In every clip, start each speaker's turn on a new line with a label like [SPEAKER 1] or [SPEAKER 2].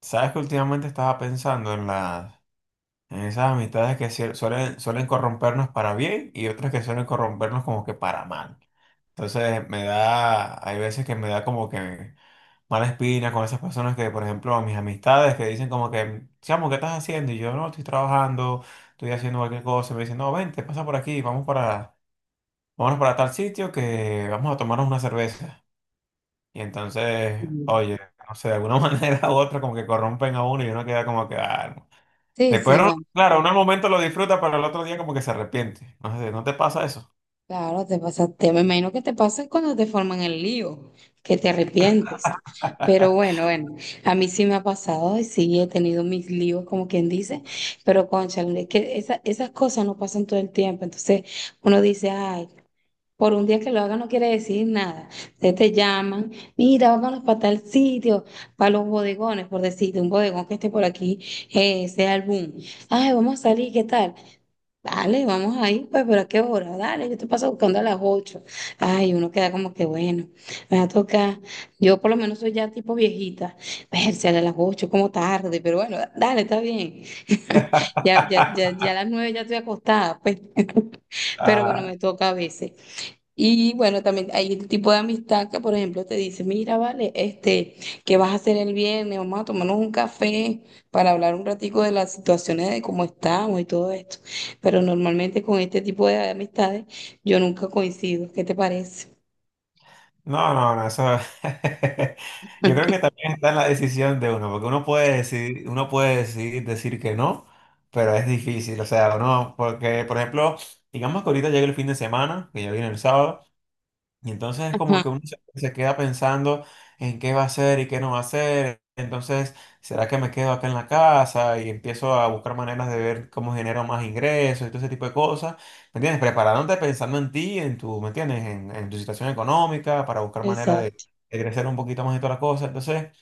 [SPEAKER 1] Sabes que últimamente estaba pensando en las, en esas amistades que cier- suelen corrompernos para bien y otras que suelen corrompernos como que para mal. Entonces me da, hay veces que me da como que mala espina con esas personas que, por ejemplo, a mis amistades que dicen como que, chamo, ¿qué estás haciendo? Y yo, no, estoy trabajando, estoy haciendo cualquier cosa. Y me dicen, no, vente, pasa por aquí, vamos para, vámonos para tal sitio que vamos a tomarnos una cerveza. Y entonces,
[SPEAKER 2] Mm.
[SPEAKER 1] oye, no sé, de alguna manera u otra como que corrompen a uno y uno queda como que, ah,
[SPEAKER 2] Sí,
[SPEAKER 1] después,
[SPEAKER 2] sí,
[SPEAKER 1] no-
[SPEAKER 2] bueno,
[SPEAKER 1] claro, uno al momento lo disfruta, pero el otro día como que se arrepiente. No sé, ¿no te pasa eso?
[SPEAKER 2] claro, te pasa, me imagino que te pasa cuando te forman el lío, que te arrepientes. Pero bueno, bueno, a mí sí me ha pasado y sí he tenido mis líos, como quien dice, pero cónchale, es que esas cosas no pasan todo el tiempo. Entonces uno dice, ay, por un día que lo haga no quiere decir nada. Entonces te llaman, mira, vámonos para tal sitio, para los bodegones, por decirte, un bodegón que esté por aquí, sea el boom. Ay, vamos a salir, ¿qué tal? Dale, vamos ahí, pues, pero ¿a qué hora? Dale, yo te paso buscando a las 8. Ay, uno queda como que bueno, me va a tocar. Yo por lo menos soy ya tipo viejita. Verse a las 8 como tarde, pero bueno, dale, está bien. Ya, ya, ya, ya a las 9 ya estoy acostada, pues. Pero bueno,
[SPEAKER 1] Ah,
[SPEAKER 2] me toca a veces. Y bueno, también hay el tipo de amistad que, por ejemplo, te dice, mira, vale, este, ¿qué vas a hacer el viernes? Vamos a tomarnos un café para hablar un ratico de las situaciones de cómo estamos y todo esto. Pero normalmente con este tipo de amistades yo nunca coincido. ¿Qué te parece?
[SPEAKER 1] no, no, no, eso. Yo creo que también está en la decisión de uno, porque uno puede decidir decir que no, pero es difícil, o sea, no, porque, por ejemplo, digamos que ahorita llega el fin de semana, que ya viene el sábado. Y entonces es como
[SPEAKER 2] Ajá,
[SPEAKER 1] que uno se queda pensando en qué va a hacer y qué no va a hacer. Entonces, ¿será que me quedo acá en la casa y empiezo a buscar maneras de ver cómo genero más ingresos y todo ese tipo de cosas? ¿Me entiendes? Preparándote pensando en ti, en tu, ¿me entiendes? En tu situación económica para buscar manera
[SPEAKER 2] exacto.
[SPEAKER 1] de crecer un poquito más y todas las cosas. Entonces,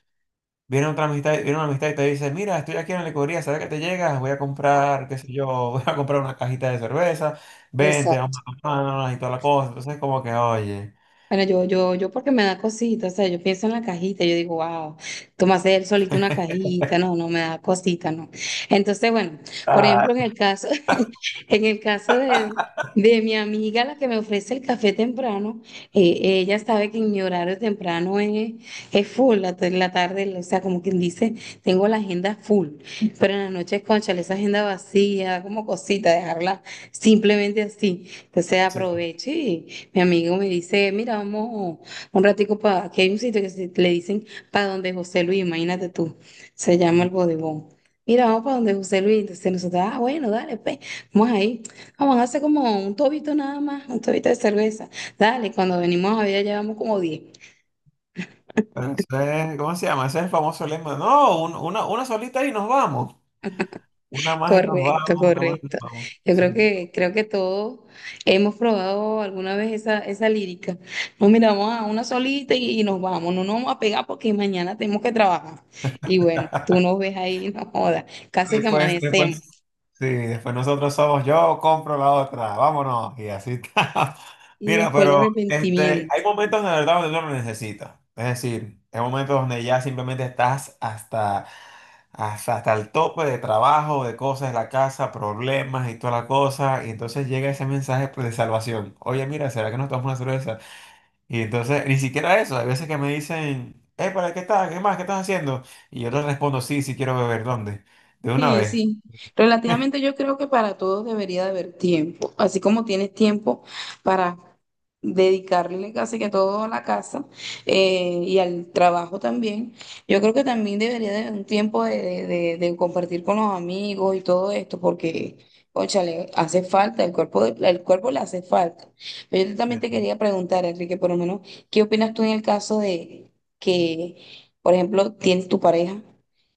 [SPEAKER 1] viene otra amistad, viene una amistad y te dice, mira, estoy aquí en la licorería, ¿sabes que te llegas? Voy a comprar, qué sé yo, voy a comprar una cajita de cerveza, vente,
[SPEAKER 2] Exacto.
[SPEAKER 1] vamos a tomarnos y todas las cosas. Entonces, como que, oye.
[SPEAKER 2] Bueno, yo porque me da cosita, o sea, yo pienso en la cajita, yo digo, wow, tú me haces él solito una cajita, no, no me da cosita, no. Entonces, bueno, por
[SPEAKER 1] Ah,
[SPEAKER 2] ejemplo, en el caso, en el caso de, mi amiga, la que me ofrece el café temprano, ella sabe que en mi horario temprano es full, la, en la tarde, o sea, como quien dice, tengo la agenda full, pero en la noche, cónchale, esa agenda vacía, como cosita, dejarla. Simplemente así. Entonces
[SPEAKER 1] sí. Ese,
[SPEAKER 2] aproveche y mi amigo me dice, mira, vamos un ratico para, aquí hay un sitio que le dicen para donde José Luis, imagínate tú, se llama el bodegón. Mira, vamos para donde José Luis. Entonces nosotros, ah, bueno, dale, pues, vamos ahí. Vamos a hacer como un tobito nada más, un tobito de cerveza. Dale, cuando venimos a ver, ya llevamos como diez.
[SPEAKER 1] ¿cómo se llama? Ese es el famoso lema. No, un- una solita y nos vamos. Una más y nos
[SPEAKER 2] Correcto,
[SPEAKER 1] vamos, una más y nos
[SPEAKER 2] correcto.
[SPEAKER 1] vamos.
[SPEAKER 2] Yo
[SPEAKER 1] Sí.
[SPEAKER 2] creo que todos hemos probado alguna vez esa lírica. No, mira, vamos a una solita y nos vamos. No nos vamos a pegar porque mañana tenemos que trabajar. Y bueno, tú nos ves ahí, no jodas. Casi que
[SPEAKER 1] Después,
[SPEAKER 2] amanecemos.
[SPEAKER 1] después, sí, después nosotros somos yo, compro la otra, vámonos, y así está.
[SPEAKER 2] Y
[SPEAKER 1] Mira,
[SPEAKER 2] después el
[SPEAKER 1] pero este,
[SPEAKER 2] arrepentimiento.
[SPEAKER 1] hay momentos de verdad donde uno lo necesita. Es decir, hay momentos donde ya simplemente estás hasta, hasta, hasta el tope de trabajo, de cosas, la casa, problemas y toda la cosa. Y entonces llega ese mensaje pues, de salvación. Oye, mira, ¿será que nos tomamos una cerveza? Y entonces, ni siquiera eso. Hay veces que me dicen, ¿para qué estás? ¿Qué más? ¿Qué estás haciendo? Y yo les respondo, sí, sí quiero beber. ¿Dónde? De una
[SPEAKER 2] Sí,
[SPEAKER 1] vez.
[SPEAKER 2] sí. Relativamente yo creo que para todos debería de haber tiempo. Así como tienes tiempo para dedicarle casi que todo a la casa y al trabajo también, yo creo que también debería de haber un tiempo de, de compartir con los amigos y todo esto, porque, óchale, hace falta, el cuerpo, el cuerpo le hace falta. Pero yo también te
[SPEAKER 1] Sí.
[SPEAKER 2] quería preguntar, Enrique, por lo menos, ¿qué opinas tú en el caso de que, por ejemplo, tienes tu pareja?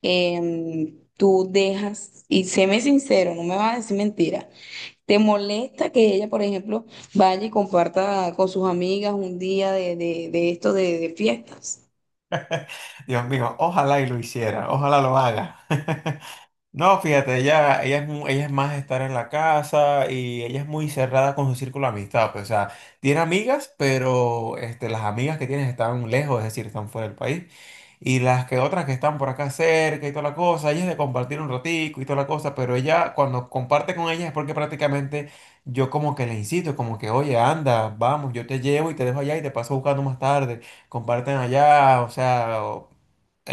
[SPEAKER 2] Tú dejas, y séme sincero, no me vas a decir mentira, ¿te molesta que ella, por ejemplo, vaya y comparta con sus amigas un día de esto de fiestas?
[SPEAKER 1] Dios mío, ojalá y lo hiciera, ojalá lo haga. No, fíjate, ella es, mu- ella es más estar en la casa y ella es muy cerrada con su círculo de amistad. Pues, o sea, tiene amigas, pero este, las amigas que tienes están lejos, es decir, están fuera del país. Y las que otras que están por acá cerca y toda la cosa, ella es de compartir un ratico y toda la cosa, pero ella cuando comparte con ellas es porque prácticamente yo como que le incito, como que, oye, anda, vamos, yo te llevo y te dejo allá y te paso buscando más tarde, comparten allá, o sea... o-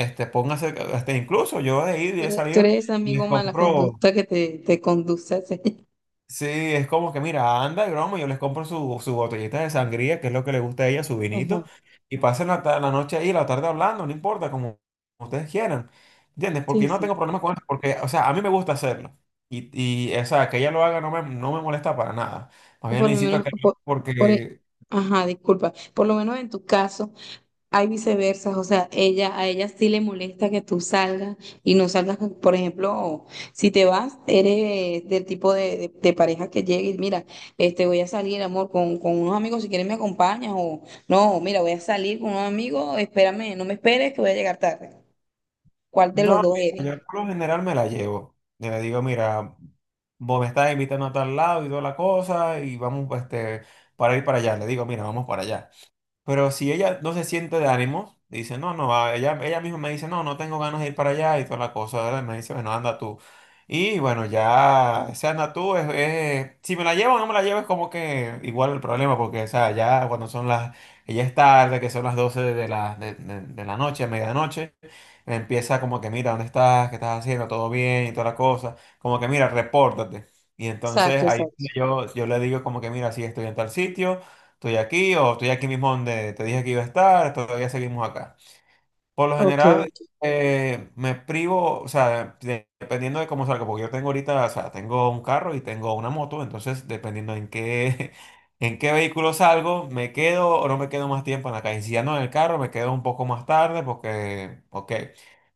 [SPEAKER 1] este, póngase, este, incluso yo he ido y he
[SPEAKER 2] Tú
[SPEAKER 1] salido
[SPEAKER 2] eres ese amigo
[SPEAKER 1] les
[SPEAKER 2] mala
[SPEAKER 1] compro,
[SPEAKER 2] conducta que te conduce a hacer.
[SPEAKER 1] sí, es como que mira, anda, broma, yo les compro su, su botellita de sangría, que es lo que le gusta a ella, su
[SPEAKER 2] Ajá,
[SPEAKER 1] vinito, y pasen la, ta- la noche ahí, la tarde hablando, no importa, como ustedes quieran, ¿entiendes? Porque
[SPEAKER 2] sí,
[SPEAKER 1] yo no
[SPEAKER 2] sí.
[SPEAKER 1] tengo problema con eso, porque, o sea, a mí me gusta hacerlo, y, y o sea, que ella lo haga no me, no me molesta para nada, más bien
[SPEAKER 2] Por
[SPEAKER 1] le
[SPEAKER 2] lo
[SPEAKER 1] incito a
[SPEAKER 2] menos,
[SPEAKER 1] que,
[SPEAKER 2] por e-
[SPEAKER 1] porque,
[SPEAKER 2] ajá, disculpa, por lo menos en tu caso, hay viceversas, o sea, ella, a ella sí le molesta que tú salgas y no salgas, con- por ejemplo, si te vas, eres del tipo de, de pareja que llegue y mira, este, voy a salir, amor, con, unos amigos, si quieres me acompañas o no, mira, voy a salir con unos amigos, espérame, no me esperes que voy a llegar tarde. ¿Cuál de los
[SPEAKER 1] no,
[SPEAKER 2] dos
[SPEAKER 1] mira,
[SPEAKER 2] eres?
[SPEAKER 1] yo por lo general me la llevo, yo le digo, mira, vos me estás invitando a tal lado y toda la cosa, y vamos, este, para ir para allá, le digo, mira, vamos para allá. Pero si ella no se siente de ánimos dice, no, no, va", ella misma me dice, no, no tengo ganas de ir para allá y toda la cosa, ¿verdad? Me dice, bueno, anda tú. Y bueno, ya, o sea, anda tú, es- si me la llevo o no me la llevo es como que igual el problema, porque, o sea, ya cuando son las, ella es tarde, que son las 12 de la noche, medianoche, empieza como que, mira, ¿dónde estás? ¿Qué estás haciendo? ¿Todo bien? Y toda la cosa, como que, mira, repórtate. Y
[SPEAKER 2] Exacto,
[SPEAKER 1] entonces ahí
[SPEAKER 2] exacto.
[SPEAKER 1] yo le digo como que, mira, sí, estoy en tal sitio, estoy aquí o estoy aquí mismo donde te dije que iba a estar, todavía seguimos acá. Por lo
[SPEAKER 2] Ok.
[SPEAKER 1] general, me privo, o sea, de- dependiendo de cómo salga, porque yo tengo ahorita, o sea, tengo un carro y tengo una moto, entonces dependiendo en qué, en qué vehículo salgo, me quedo o no me quedo más tiempo en la calle. Si ando en el carro, me quedo un poco más tarde porque, ok.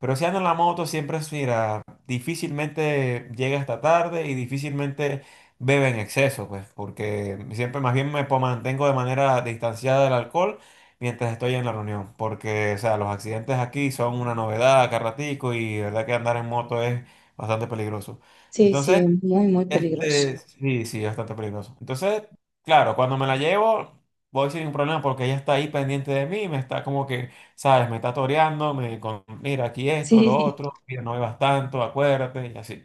[SPEAKER 1] Pero si ando en la moto, siempre es, mira, difícilmente llega hasta tarde y difícilmente bebe en exceso, pues, porque siempre más bien me po- mantengo de manera distanciada del alcohol mientras estoy en la reunión, porque, o sea, los accidentes aquí son una novedad acá ratico y de verdad que andar en moto es bastante peligroso.
[SPEAKER 2] Sí, sí,
[SPEAKER 1] Entonces,
[SPEAKER 2] es muy, muy peligroso.
[SPEAKER 1] este, sí, sí, bastante peligroso. Entonces, claro, cuando me la llevo, voy sin ningún problema porque ella está ahí pendiente de mí, me está como que, ¿sabes? Me está toreando, me con, mira, aquí esto, lo
[SPEAKER 2] Sí.
[SPEAKER 1] otro, mira, no bebas tanto, acuérdate, y así.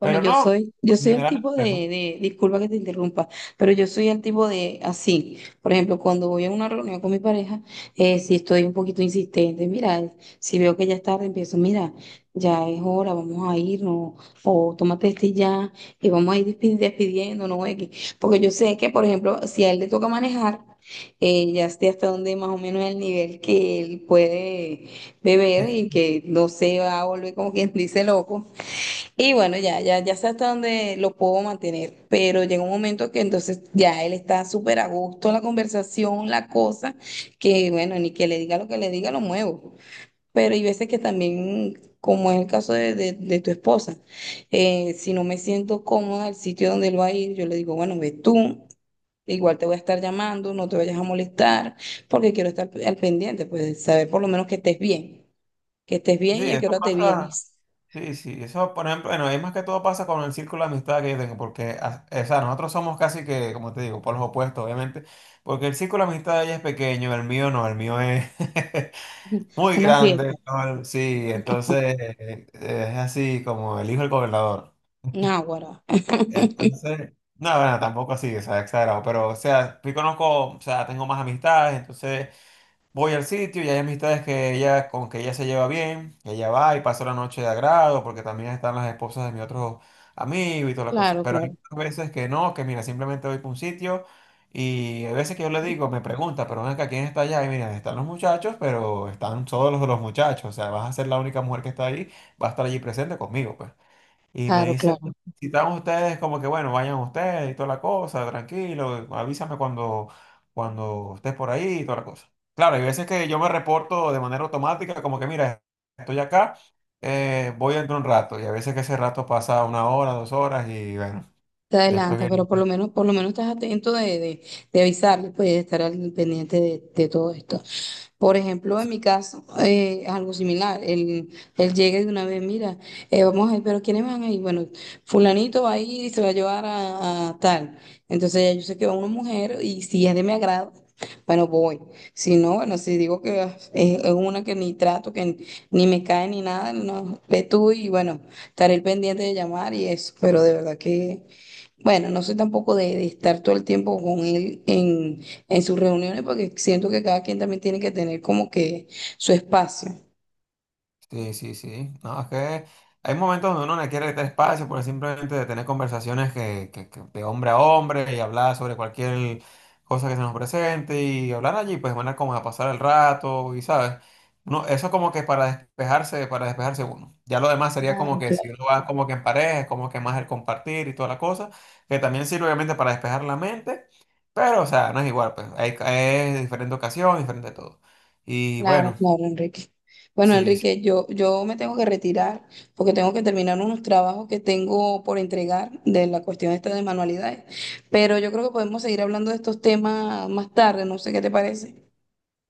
[SPEAKER 2] Bueno, yo
[SPEAKER 1] no,
[SPEAKER 2] soy, yo
[SPEAKER 1] en
[SPEAKER 2] soy el
[SPEAKER 1] general,
[SPEAKER 2] tipo
[SPEAKER 1] pues, no hay problema.
[SPEAKER 2] disculpa que te interrumpa, pero yo soy el tipo de así. Por ejemplo, cuando voy a una reunión con mi pareja, si estoy un poquito insistente, mira, si veo que ya es tarde, empiezo, mira, ya es hora, vamos a irnos, o tómate este ya, y vamos a ir despidiéndonos, X. Porque yo sé que, por ejemplo, si a él le toca manejar, ya sé hasta dónde más o menos el nivel que él puede beber y que no se va a volver como quien dice loco. Y bueno, ya, ya, ya sé hasta dónde lo puedo mantener, pero llega un momento que entonces ya él está súper a gusto en la conversación, la cosa, que bueno, ni que le diga lo que le diga, lo muevo. Pero hay veces que también, como es el caso de, de tu esposa, si no me siento cómoda el sitio donde él va a ir, yo le digo, bueno, ve tú, igual te voy a estar llamando, no te vayas a molestar, porque quiero estar al pendiente, pues saber por lo menos que estés bien
[SPEAKER 1] Sí,
[SPEAKER 2] y a qué
[SPEAKER 1] eso
[SPEAKER 2] hora te
[SPEAKER 1] pasa.
[SPEAKER 2] vienes.
[SPEAKER 1] Sí, sí, eso por ejemplo, bueno, es más que todo pasa con el círculo de amistad que yo tengo, porque, a- o sea, nosotros somos casi que, como te digo, por los opuestos, obviamente, porque el círculo de amistad de ella es pequeño, el mío no, el mío es muy
[SPEAKER 2] Una fiesta.
[SPEAKER 1] grande, ¿no? Sí, entonces es así como el hijo del gobernador.
[SPEAKER 2] Náguara.
[SPEAKER 1] Entonces, no, bueno, tampoco así, o sea, exagerado, pero, o sea, yo conozco, o sea, tengo más amistades, entonces... Voy al sitio y hay amistades que ella, con que ella se lleva bien, que ella va y pasa la noche de agrado, porque también están las esposas de mi otro amigo y toda la cosa.
[SPEAKER 2] Claro,
[SPEAKER 1] Pero hay
[SPEAKER 2] claro,
[SPEAKER 1] otras veces que no, que mira, simplemente voy para un sitio y hay veces que yo le digo, me pregunta, pero ven acá, ¿quién está allá? Y mira, están los muchachos, pero están todos los de los muchachos, o sea, vas a ser la única mujer que está ahí, va a estar allí presente conmigo, pues. Y me
[SPEAKER 2] claro,
[SPEAKER 1] dice,
[SPEAKER 2] claro,
[SPEAKER 1] si están ustedes, como que bueno, vayan ustedes y toda la cosa, tranquilo, avísame cuando, cuando estés por ahí y toda la cosa. Claro, hay veces que yo me reporto de manera automática, como que mira, estoy acá, voy dentro de un rato, y a veces que ese rato pasa una hora, dos horas, y bueno,
[SPEAKER 2] te
[SPEAKER 1] después
[SPEAKER 2] adelanta,
[SPEAKER 1] viene.
[SPEAKER 2] pero por lo menos estás atento de, de avisarle, pues, de estar al pendiente de todo esto. Por ejemplo, en mi caso, es algo similar. Él llega de una vez, mira, vamos a ir, pero ¿quiénes van a ir? Bueno, fulanito va a ir y se va a llevar a tal. Entonces ya yo sé que va una mujer y si es de mi agrado, bueno, voy. Si no, bueno, si digo que ah, es una que ni trato, que ni me cae ni nada, no, ve tú y bueno, estaré el pendiente de llamar y eso. Pero de verdad que... Bueno, no soy tampoco de, de estar todo el tiempo con él en, sus reuniones porque siento que cada quien también tiene que tener como que su espacio.
[SPEAKER 1] Sí, sí, sí. No, es que hay momentos donde uno le quiere quitar espacio por simplemente de tener conversaciones que de hombre a hombre y hablar sobre cualquier cosa que se nos presente y hablar allí, pues van a como a pasar el rato y, ¿sabes? No, eso como que para despejarse uno. Ya lo demás sería como
[SPEAKER 2] Claro,
[SPEAKER 1] que
[SPEAKER 2] claro,
[SPEAKER 1] si uno va como que en pareja, es como que más el compartir y toda la cosa, que también sirve obviamente para despejar la mente, pero, o sea, no es igual, pues hay, es diferente ocasión, diferente todo. Y
[SPEAKER 2] claro,
[SPEAKER 1] bueno.
[SPEAKER 2] claro, Enrique. Bueno,
[SPEAKER 1] Sí,
[SPEAKER 2] Enrique, yo me tengo que retirar porque tengo que terminar unos trabajos que tengo por entregar de la cuestión esta de manualidades, pero yo creo que podemos seguir hablando de estos temas más tarde, no sé qué te parece.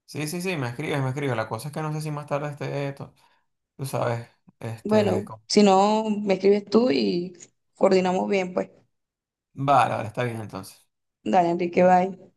[SPEAKER 1] sí, sí, sí, me escribes, me escribes. La cosa es que no sé si más tarde esté, to- tú sabes, este...
[SPEAKER 2] Bueno,
[SPEAKER 1] co-
[SPEAKER 2] si no, me escribes tú y coordinamos bien, pues.
[SPEAKER 1] Vale, vale, está bien entonces.
[SPEAKER 2] Dale, Enrique, bye.